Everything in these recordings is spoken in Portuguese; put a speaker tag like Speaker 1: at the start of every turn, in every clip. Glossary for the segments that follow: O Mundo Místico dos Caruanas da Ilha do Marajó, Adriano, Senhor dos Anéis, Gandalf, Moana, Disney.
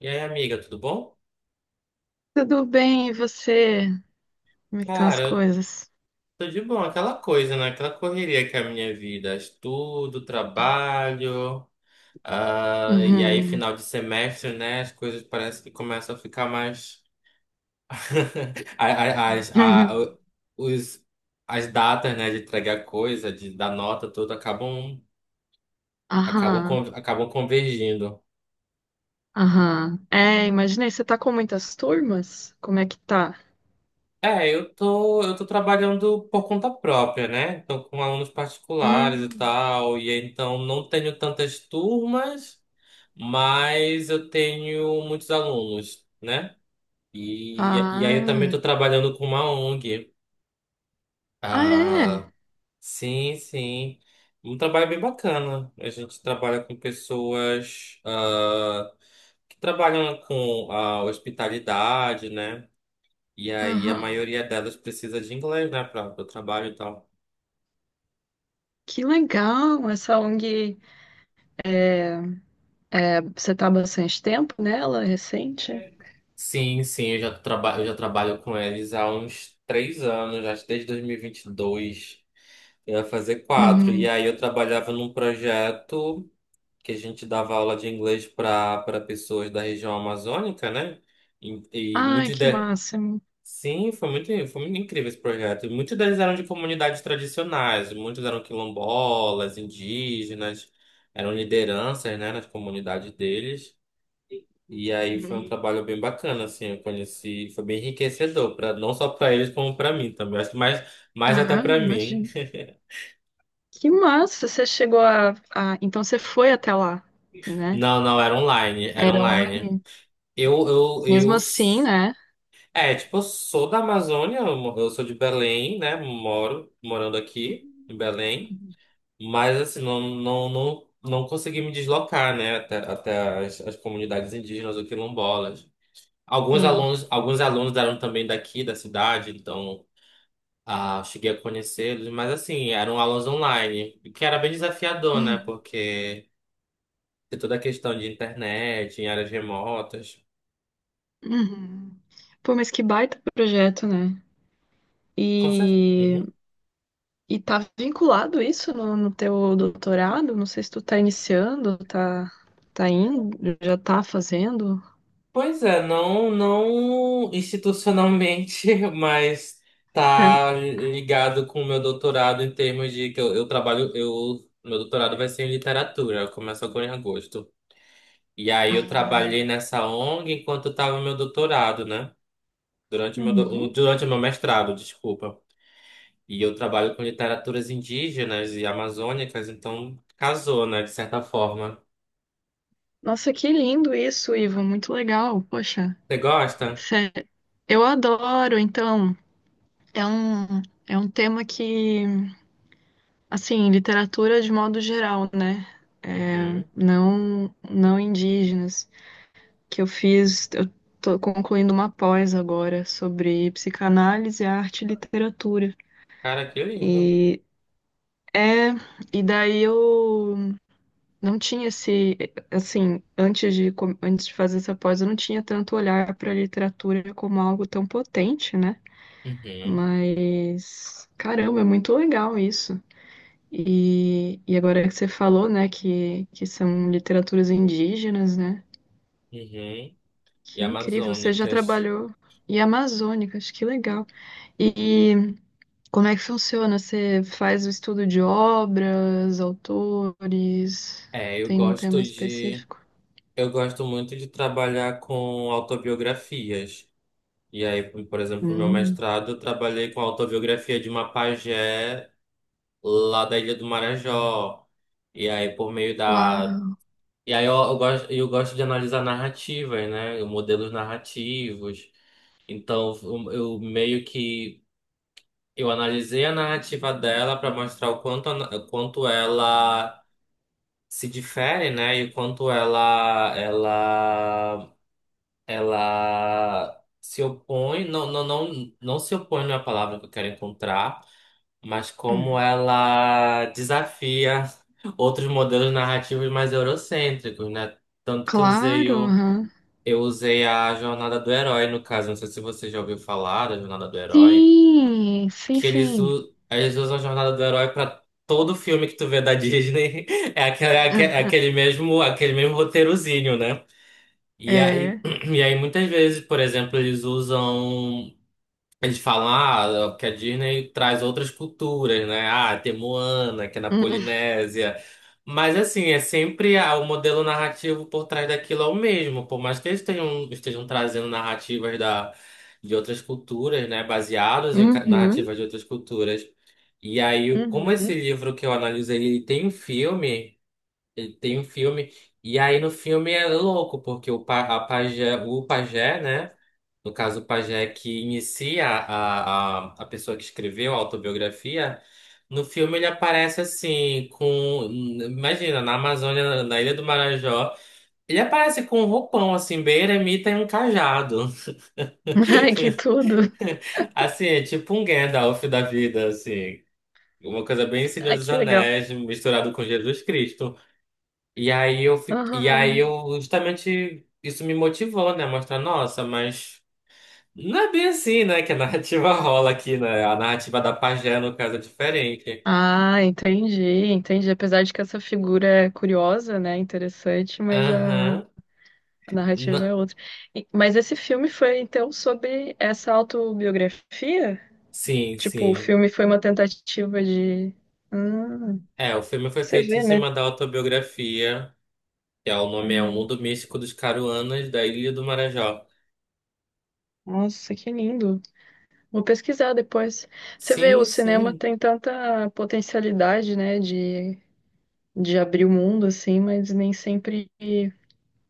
Speaker 1: E aí, amiga, tudo bom?
Speaker 2: Tudo bem, e você? Como é que estão as
Speaker 1: Cara, eu
Speaker 2: coisas?
Speaker 1: tô de bom, aquela coisa, né? Aquela correria que é a minha vida, estudo, trabalho, ah, e aí
Speaker 2: Uhum.
Speaker 1: final de semestre, né? As coisas parecem que começam a ficar mais. a- a- As, a- o- os, as datas, né, de entregar coisa, de dar nota, tudo, acabam,
Speaker 2: Aham,
Speaker 1: acabam convergindo.
Speaker 2: aham. É, imaginei, você tá com muitas turmas? Como é que tá?
Speaker 1: É, eu tô trabalhando por conta própria, né? Então, com alunos particulares e
Speaker 2: Hum,
Speaker 1: tal, e então não tenho tantas turmas, mas eu tenho muitos alunos, né? E aí eu também estou
Speaker 2: ah,
Speaker 1: trabalhando com uma ONG.
Speaker 2: ah, é?
Speaker 1: Ah, sim, sim. Um trabalho bem bacana. A gente trabalha com pessoas que trabalham com a hospitalidade, né? E aí a
Speaker 2: Aham.
Speaker 1: maioria delas precisa de inglês, né, para o trabalho e tal.
Speaker 2: Que legal, essa ONG, é, é, você tá há bastante tempo nela, recente?
Speaker 1: Sim, sim, eu já trabalho com eles há uns 3 anos, acho que desde 2022. Eu ia fazer quatro. E
Speaker 2: Uhum.
Speaker 1: aí eu trabalhava num projeto que a gente dava aula de inglês para pessoas da região amazônica, né? E
Speaker 2: Ai,
Speaker 1: muitos
Speaker 2: que
Speaker 1: de...
Speaker 2: máximo.
Speaker 1: Sim, foi muito incrível esse projeto. E muitos deles eram de comunidades tradicionais, muitos eram quilombolas, indígenas, eram lideranças, né, nas comunidades deles. E aí foi um
Speaker 2: Uhum.
Speaker 1: trabalho bem bacana, assim, eu conheci, foi bem enriquecedor, pra, não só para eles, como para mim também. Acho que mais, mais até
Speaker 2: Ah,
Speaker 1: para mim.
Speaker 2: imagino. Que massa, você chegou a... Então você foi até lá, né?
Speaker 1: Não, não, era online, era
Speaker 2: Eram
Speaker 1: online. Eu, eu, eu.
Speaker 2: mesmo assim,
Speaker 1: s-
Speaker 2: né?
Speaker 1: É, tipo, eu sou da Amazônia, eu sou de Belém, né? Morando aqui em Belém.
Speaker 2: Uhum.
Speaker 1: Mas, assim, não, não, não, não consegui me deslocar, né? Até as comunidades indígenas ou quilombolas. Alguns
Speaker 2: Sim.
Speaker 1: alunos, alguns alunos eram também daqui, da cidade, então cheguei a conhecê-los. Mas, assim, eram aulas online, o que era bem desafiador, né?
Speaker 2: Uhum.
Speaker 1: Porque tem toda a questão de internet, em áreas remotas.
Speaker 2: Uhum. Pô, mas que baita projeto, né? E,
Speaker 1: Uhum.
Speaker 2: e tá vinculado isso no teu doutorado? Não sei se tu tá iniciando, tá, tá indo, já tá fazendo.
Speaker 1: Pois é, não, não institucionalmente, mas tá ligado com o meu doutorado em termos de que meu doutorado vai ser em literatura, começa agora em agosto. E aí eu trabalhei
Speaker 2: Ah.
Speaker 1: nessa ONG enquanto estava no meu doutorado, né? Durante o meu, do-
Speaker 2: Uhum.
Speaker 1: durante o meu mestrado, desculpa. E eu trabalho com literaturas indígenas e amazônicas, então casou, né, de certa forma.
Speaker 2: Nossa, que lindo isso, Ivo, muito legal. Poxa,
Speaker 1: Você gosta?
Speaker 2: sé- eu adoro, então, é um tema que, assim, literatura de modo geral, né?
Speaker 1: Uhum.
Speaker 2: Não indígenas, eu tô concluindo uma pós agora sobre psicanálise, arte e literatura.
Speaker 1: Cara, que lindo.
Speaker 2: E é, e daí eu não tinha esse, assim, antes de fazer essa pós, eu não tinha tanto olhar para a literatura como algo tão potente, né?
Speaker 1: Uhum.
Speaker 2: Mas caramba, é muito legal isso. E agora que você falou, né, que são literaturas indígenas, né?
Speaker 1: Uhum. E
Speaker 2: Que incrível, você já
Speaker 1: amazônicas.
Speaker 2: trabalhou em amazônicas, que legal. E como é que funciona? Você faz o estudo de obras, autores,
Speaker 1: É, eu
Speaker 2: tem um tema
Speaker 1: gosto de.
Speaker 2: específico?
Speaker 1: Eu gosto muito de trabalhar com autobiografias. E aí, por exemplo, no meu
Speaker 2: Hum.
Speaker 1: mestrado, eu trabalhei com a autobiografia de uma pajé lá da Ilha do Marajó. E aí, por meio da.
Speaker 2: Uau!
Speaker 1: E aí, eu gosto de analisar narrativas, né? Modelos narrativos. Então, eu meio que. Eu analisei a narrativa dela para mostrar o quanto, quanto ela. Se difere, né? E o quanto ela se opõe, não se opõe não é a palavra que eu quero encontrar, mas como
Speaker 2: Hum.
Speaker 1: ela desafia outros modelos narrativos mais eurocêntricos, né? Tanto que eu usei
Speaker 2: Claro,
Speaker 1: o
Speaker 2: aham.
Speaker 1: eu usei a jornada do herói no caso, não sei se você já ouviu falar da jornada do herói
Speaker 2: Sim, sim,
Speaker 1: que eles,
Speaker 2: sim.
Speaker 1: u- eles usam a jornada do herói pra todo filme que tu vê da Disney. É aquele, é aque- é aquele mesmo roteirozinho, né? E aí,
Speaker 2: É.
Speaker 1: e aí muitas vezes, por exemplo, eles usam. Eles falam, que a Disney traz outras culturas, né? Ah, tem Moana, que é na
Speaker 2: Hum.
Speaker 1: Polinésia. Mas, assim, é sempre o modelo narrativo por trás daquilo é o mesmo. Por mais que eles tenham, estejam trazendo narrativas de outras culturas, né? Baseados em
Speaker 2: Uhum,
Speaker 1: narrativas de outras culturas. E aí, como esse
Speaker 2: uhum.
Speaker 1: livro que eu analisei, ele tem um filme, e aí no filme é louco, porque o pajé, né? No caso, o pajé que inicia a pessoa que escreveu a autobiografia, no filme ele aparece assim, com. Imagina, na Amazônia, na Ilha do Marajó, ele aparece com um roupão, assim, bem eremita e um cajado.
Speaker 2: Ai, que tudo!
Speaker 1: Assim, é tipo um Gandalf da vida, assim. Uma coisa bem Senhor
Speaker 2: Ai,
Speaker 1: dos
Speaker 2: que legal.
Speaker 1: Anéis, misturado com Jesus Cristo. E aí eu, fi- e aí
Speaker 2: Aham.
Speaker 1: eu justamente isso me motivou, né? Mostrar, nossa, mas. Não é bem assim, né? Que a narrativa rola aqui, né? A narrativa da pajé, no caso, é diferente.
Speaker 2: Ah, entendi, entendi. Apesar de que essa figura é curiosa, né, interessante, mas a,
Speaker 1: Aham.
Speaker 2: a narrativa
Speaker 1: Na-
Speaker 2: é outra. E mas esse filme foi, então, sobre essa autobiografia?
Speaker 1: Sim,
Speaker 2: Tipo, o
Speaker 1: sim.
Speaker 2: filme foi uma tentativa de... Hum,
Speaker 1: É, o filme foi
Speaker 2: você
Speaker 1: feito em
Speaker 2: vê, né?
Speaker 1: cima da autobiografia, que é o nome é O
Speaker 2: Uhum.
Speaker 1: Mundo Místico dos Caruanas da Ilha do Marajó.
Speaker 2: Nossa, que lindo. Vou pesquisar depois. Você vê, o
Speaker 1: Sim,
Speaker 2: cinema
Speaker 1: sim.
Speaker 2: tem tanta potencialidade, né, de abrir o mundo, assim, mas nem sempre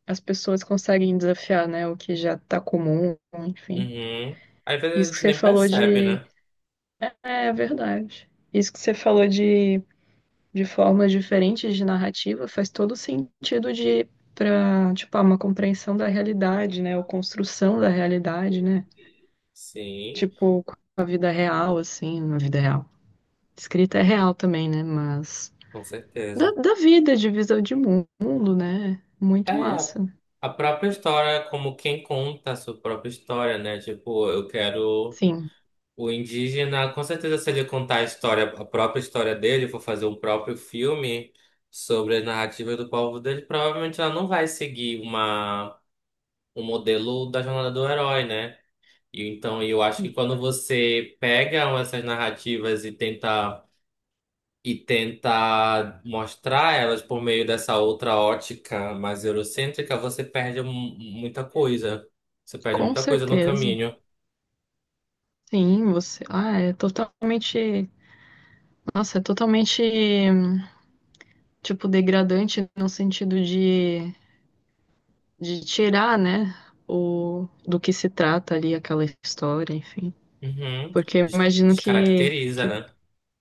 Speaker 2: as pessoas conseguem desafiar, né, o que já está comum, enfim.
Speaker 1: Uhum. Às vezes a
Speaker 2: Isso que
Speaker 1: gente
Speaker 2: você
Speaker 1: nem
Speaker 2: falou
Speaker 1: percebe,
Speaker 2: de.
Speaker 1: né?
Speaker 2: É, é verdade. Isso que você falou de formas diferentes de narrativa faz todo sentido de para, tipo, ah, uma compreensão da realidade, né, ou construção da realidade, né?
Speaker 1: Sim,
Speaker 2: Tipo, com a vida real, assim, na vida real. Escrita é real também, né? Mas
Speaker 1: com
Speaker 2: da,
Speaker 1: certeza.
Speaker 2: da vida, de visão de mundo, né?
Speaker 1: É,
Speaker 2: Muito massa.
Speaker 1: a própria história, como quem conta a sua própria história, né? Tipo, eu quero.
Speaker 2: Sim,
Speaker 1: O indígena, com certeza, se ele contar a história, a própria história dele, for fazer um próprio filme sobre a narrativa do povo dele, provavelmente ela não vai seguir um modelo da jornada do herói, né? E então eu acho que quando você pega essas narrativas e tenta mostrar elas por meio dessa outra ótica mais eurocêntrica, você perde muita coisa. Você perde
Speaker 2: com
Speaker 1: muita coisa no
Speaker 2: certeza.
Speaker 1: caminho.
Speaker 2: Sim, você. Ah, é totalmente. Nossa, é totalmente, tipo, degradante no sentido de tirar, né, o, do que se trata ali aquela história, enfim.
Speaker 1: Uhum.
Speaker 2: Porque eu
Speaker 1: Des-
Speaker 2: imagino que,
Speaker 1: descaracteriza,
Speaker 2: que
Speaker 1: né?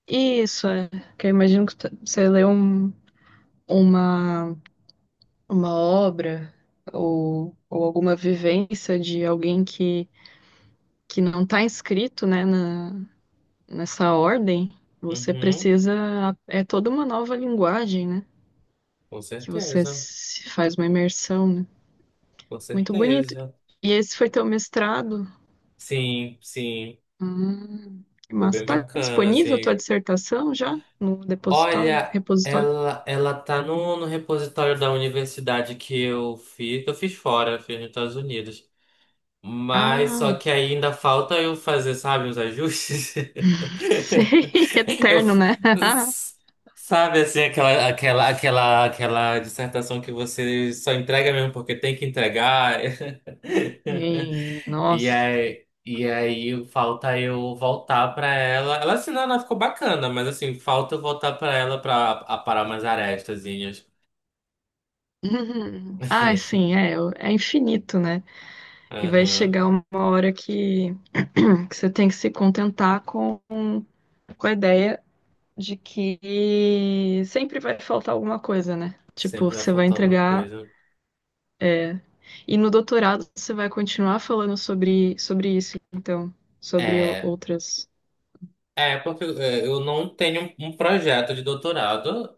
Speaker 2: isso é. Que eu imagino que você lê um, uma, uma obra ou alguma vivência de alguém que não está inscrito, né, na, nessa ordem. Você
Speaker 1: Uhum.
Speaker 2: precisa. É toda uma nova linguagem, né?
Speaker 1: Com
Speaker 2: Que você
Speaker 1: certeza,
Speaker 2: se faz uma imersão, né?
Speaker 1: com
Speaker 2: Muito bonito.
Speaker 1: certeza.
Speaker 2: E esse foi teu mestrado?
Speaker 1: Sim, sim,
Speaker 2: Que
Speaker 1: foi
Speaker 2: massa.
Speaker 1: bem
Speaker 2: Tá
Speaker 1: bacana,
Speaker 2: disponível tua
Speaker 1: assim.
Speaker 2: dissertação já no depositório,
Speaker 1: Olha,
Speaker 2: repositório?
Speaker 1: ela tá no repositório da universidade que eu fiz, fora, eu fiz nos Estados Unidos. Mas só
Speaker 2: Ah,
Speaker 1: que ainda falta eu fazer, sabe, os ajustes.
Speaker 2: sei,
Speaker 1: Eu,
Speaker 2: eterno, né?
Speaker 1: s- sabe, assim, aquela dissertação que você só entrega mesmo porque tem que entregar.
Speaker 2: Sim,
Speaker 1: E
Speaker 2: nossa.
Speaker 1: aí, e aí falta eu voltar pra ela. Ela assim, não, ela ficou bacana, mas assim, falta eu voltar pra ela pra aparar umas arestazinhas.
Speaker 2: Uhum. Ah, sim, é, é é infinito, né? E vai
Speaker 1: Aham.
Speaker 2: chegar uma hora que você tem que se contentar com a ideia de que sempre vai faltar alguma coisa, né? Tipo,
Speaker 1: Sempre vai
Speaker 2: você vai
Speaker 1: faltar alguma
Speaker 2: entregar.
Speaker 1: coisa.
Speaker 2: E no doutorado você vai continuar falando sobre, sobre isso, então, sobre
Speaker 1: É,
Speaker 2: outras.
Speaker 1: eu não tenho um projeto de doutorado.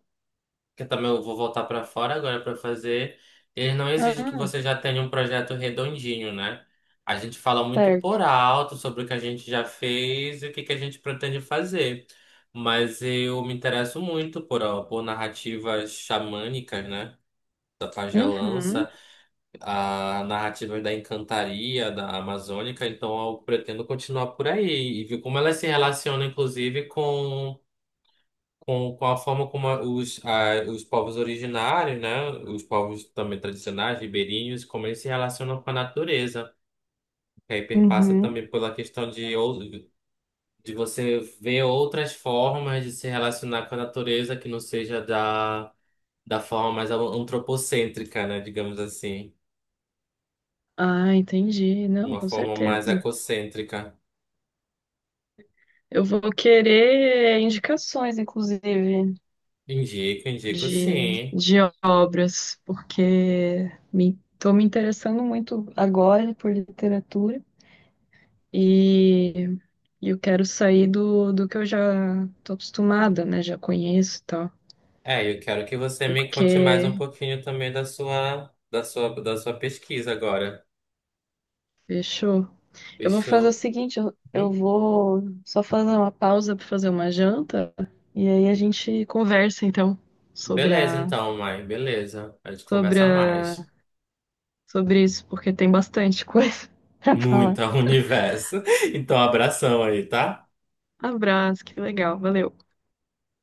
Speaker 1: Que eu também vou voltar para fora agora para fazer, ele não exige que
Speaker 2: Ah,
Speaker 1: você já tenha um projeto redondinho, né? A gente fala muito
Speaker 2: certo.
Speaker 1: por alto sobre o que a gente já fez e o que que a gente pretende fazer. Mas eu me interesso muito por narrativas xamânicas, né? Da
Speaker 2: Uhum.
Speaker 1: pagelança, a narrativas da encantaria, da amazônica. Então eu pretendo continuar por aí e ver como ela se relaciona inclusive, com com a forma como os povos originários, né, os povos também tradicionais, ribeirinhos, como eles se relacionam com a natureza. Que aí perpassa
Speaker 2: Uhum.
Speaker 1: também pela questão de você ver outras formas de se relacionar com a natureza que não seja da forma mais antropocêntrica, né, digamos assim,
Speaker 2: Ah, entendi. Não,
Speaker 1: uma
Speaker 2: com
Speaker 1: forma mais
Speaker 2: certeza.
Speaker 1: ecocêntrica.
Speaker 2: Eu vou querer indicações, inclusive,
Speaker 1: Indico, indico sim.
Speaker 2: de obras, porque me, tô me interessando muito agora por literatura e e eu quero sair do, do que eu já tô acostumada, né? Já conheço e tal.
Speaker 1: É, eu quero que você me conte mais um
Speaker 2: Porque
Speaker 1: pouquinho também da sua pesquisa agora.
Speaker 2: fechou. Eu vou
Speaker 1: Deixa
Speaker 2: fazer o
Speaker 1: eu.
Speaker 2: seguinte, eu
Speaker 1: Hum?
Speaker 2: vou só fazer uma pausa para fazer uma janta e aí a gente conversa então sobre
Speaker 1: Beleza,
Speaker 2: a
Speaker 1: então, mãe. Beleza. A gente
Speaker 2: sobre
Speaker 1: conversa
Speaker 2: a,
Speaker 1: mais.
Speaker 2: sobre isso, porque tem bastante coisa para falar.
Speaker 1: Muita universo. Então, abração aí, tá?
Speaker 2: Abraço, que legal, valeu.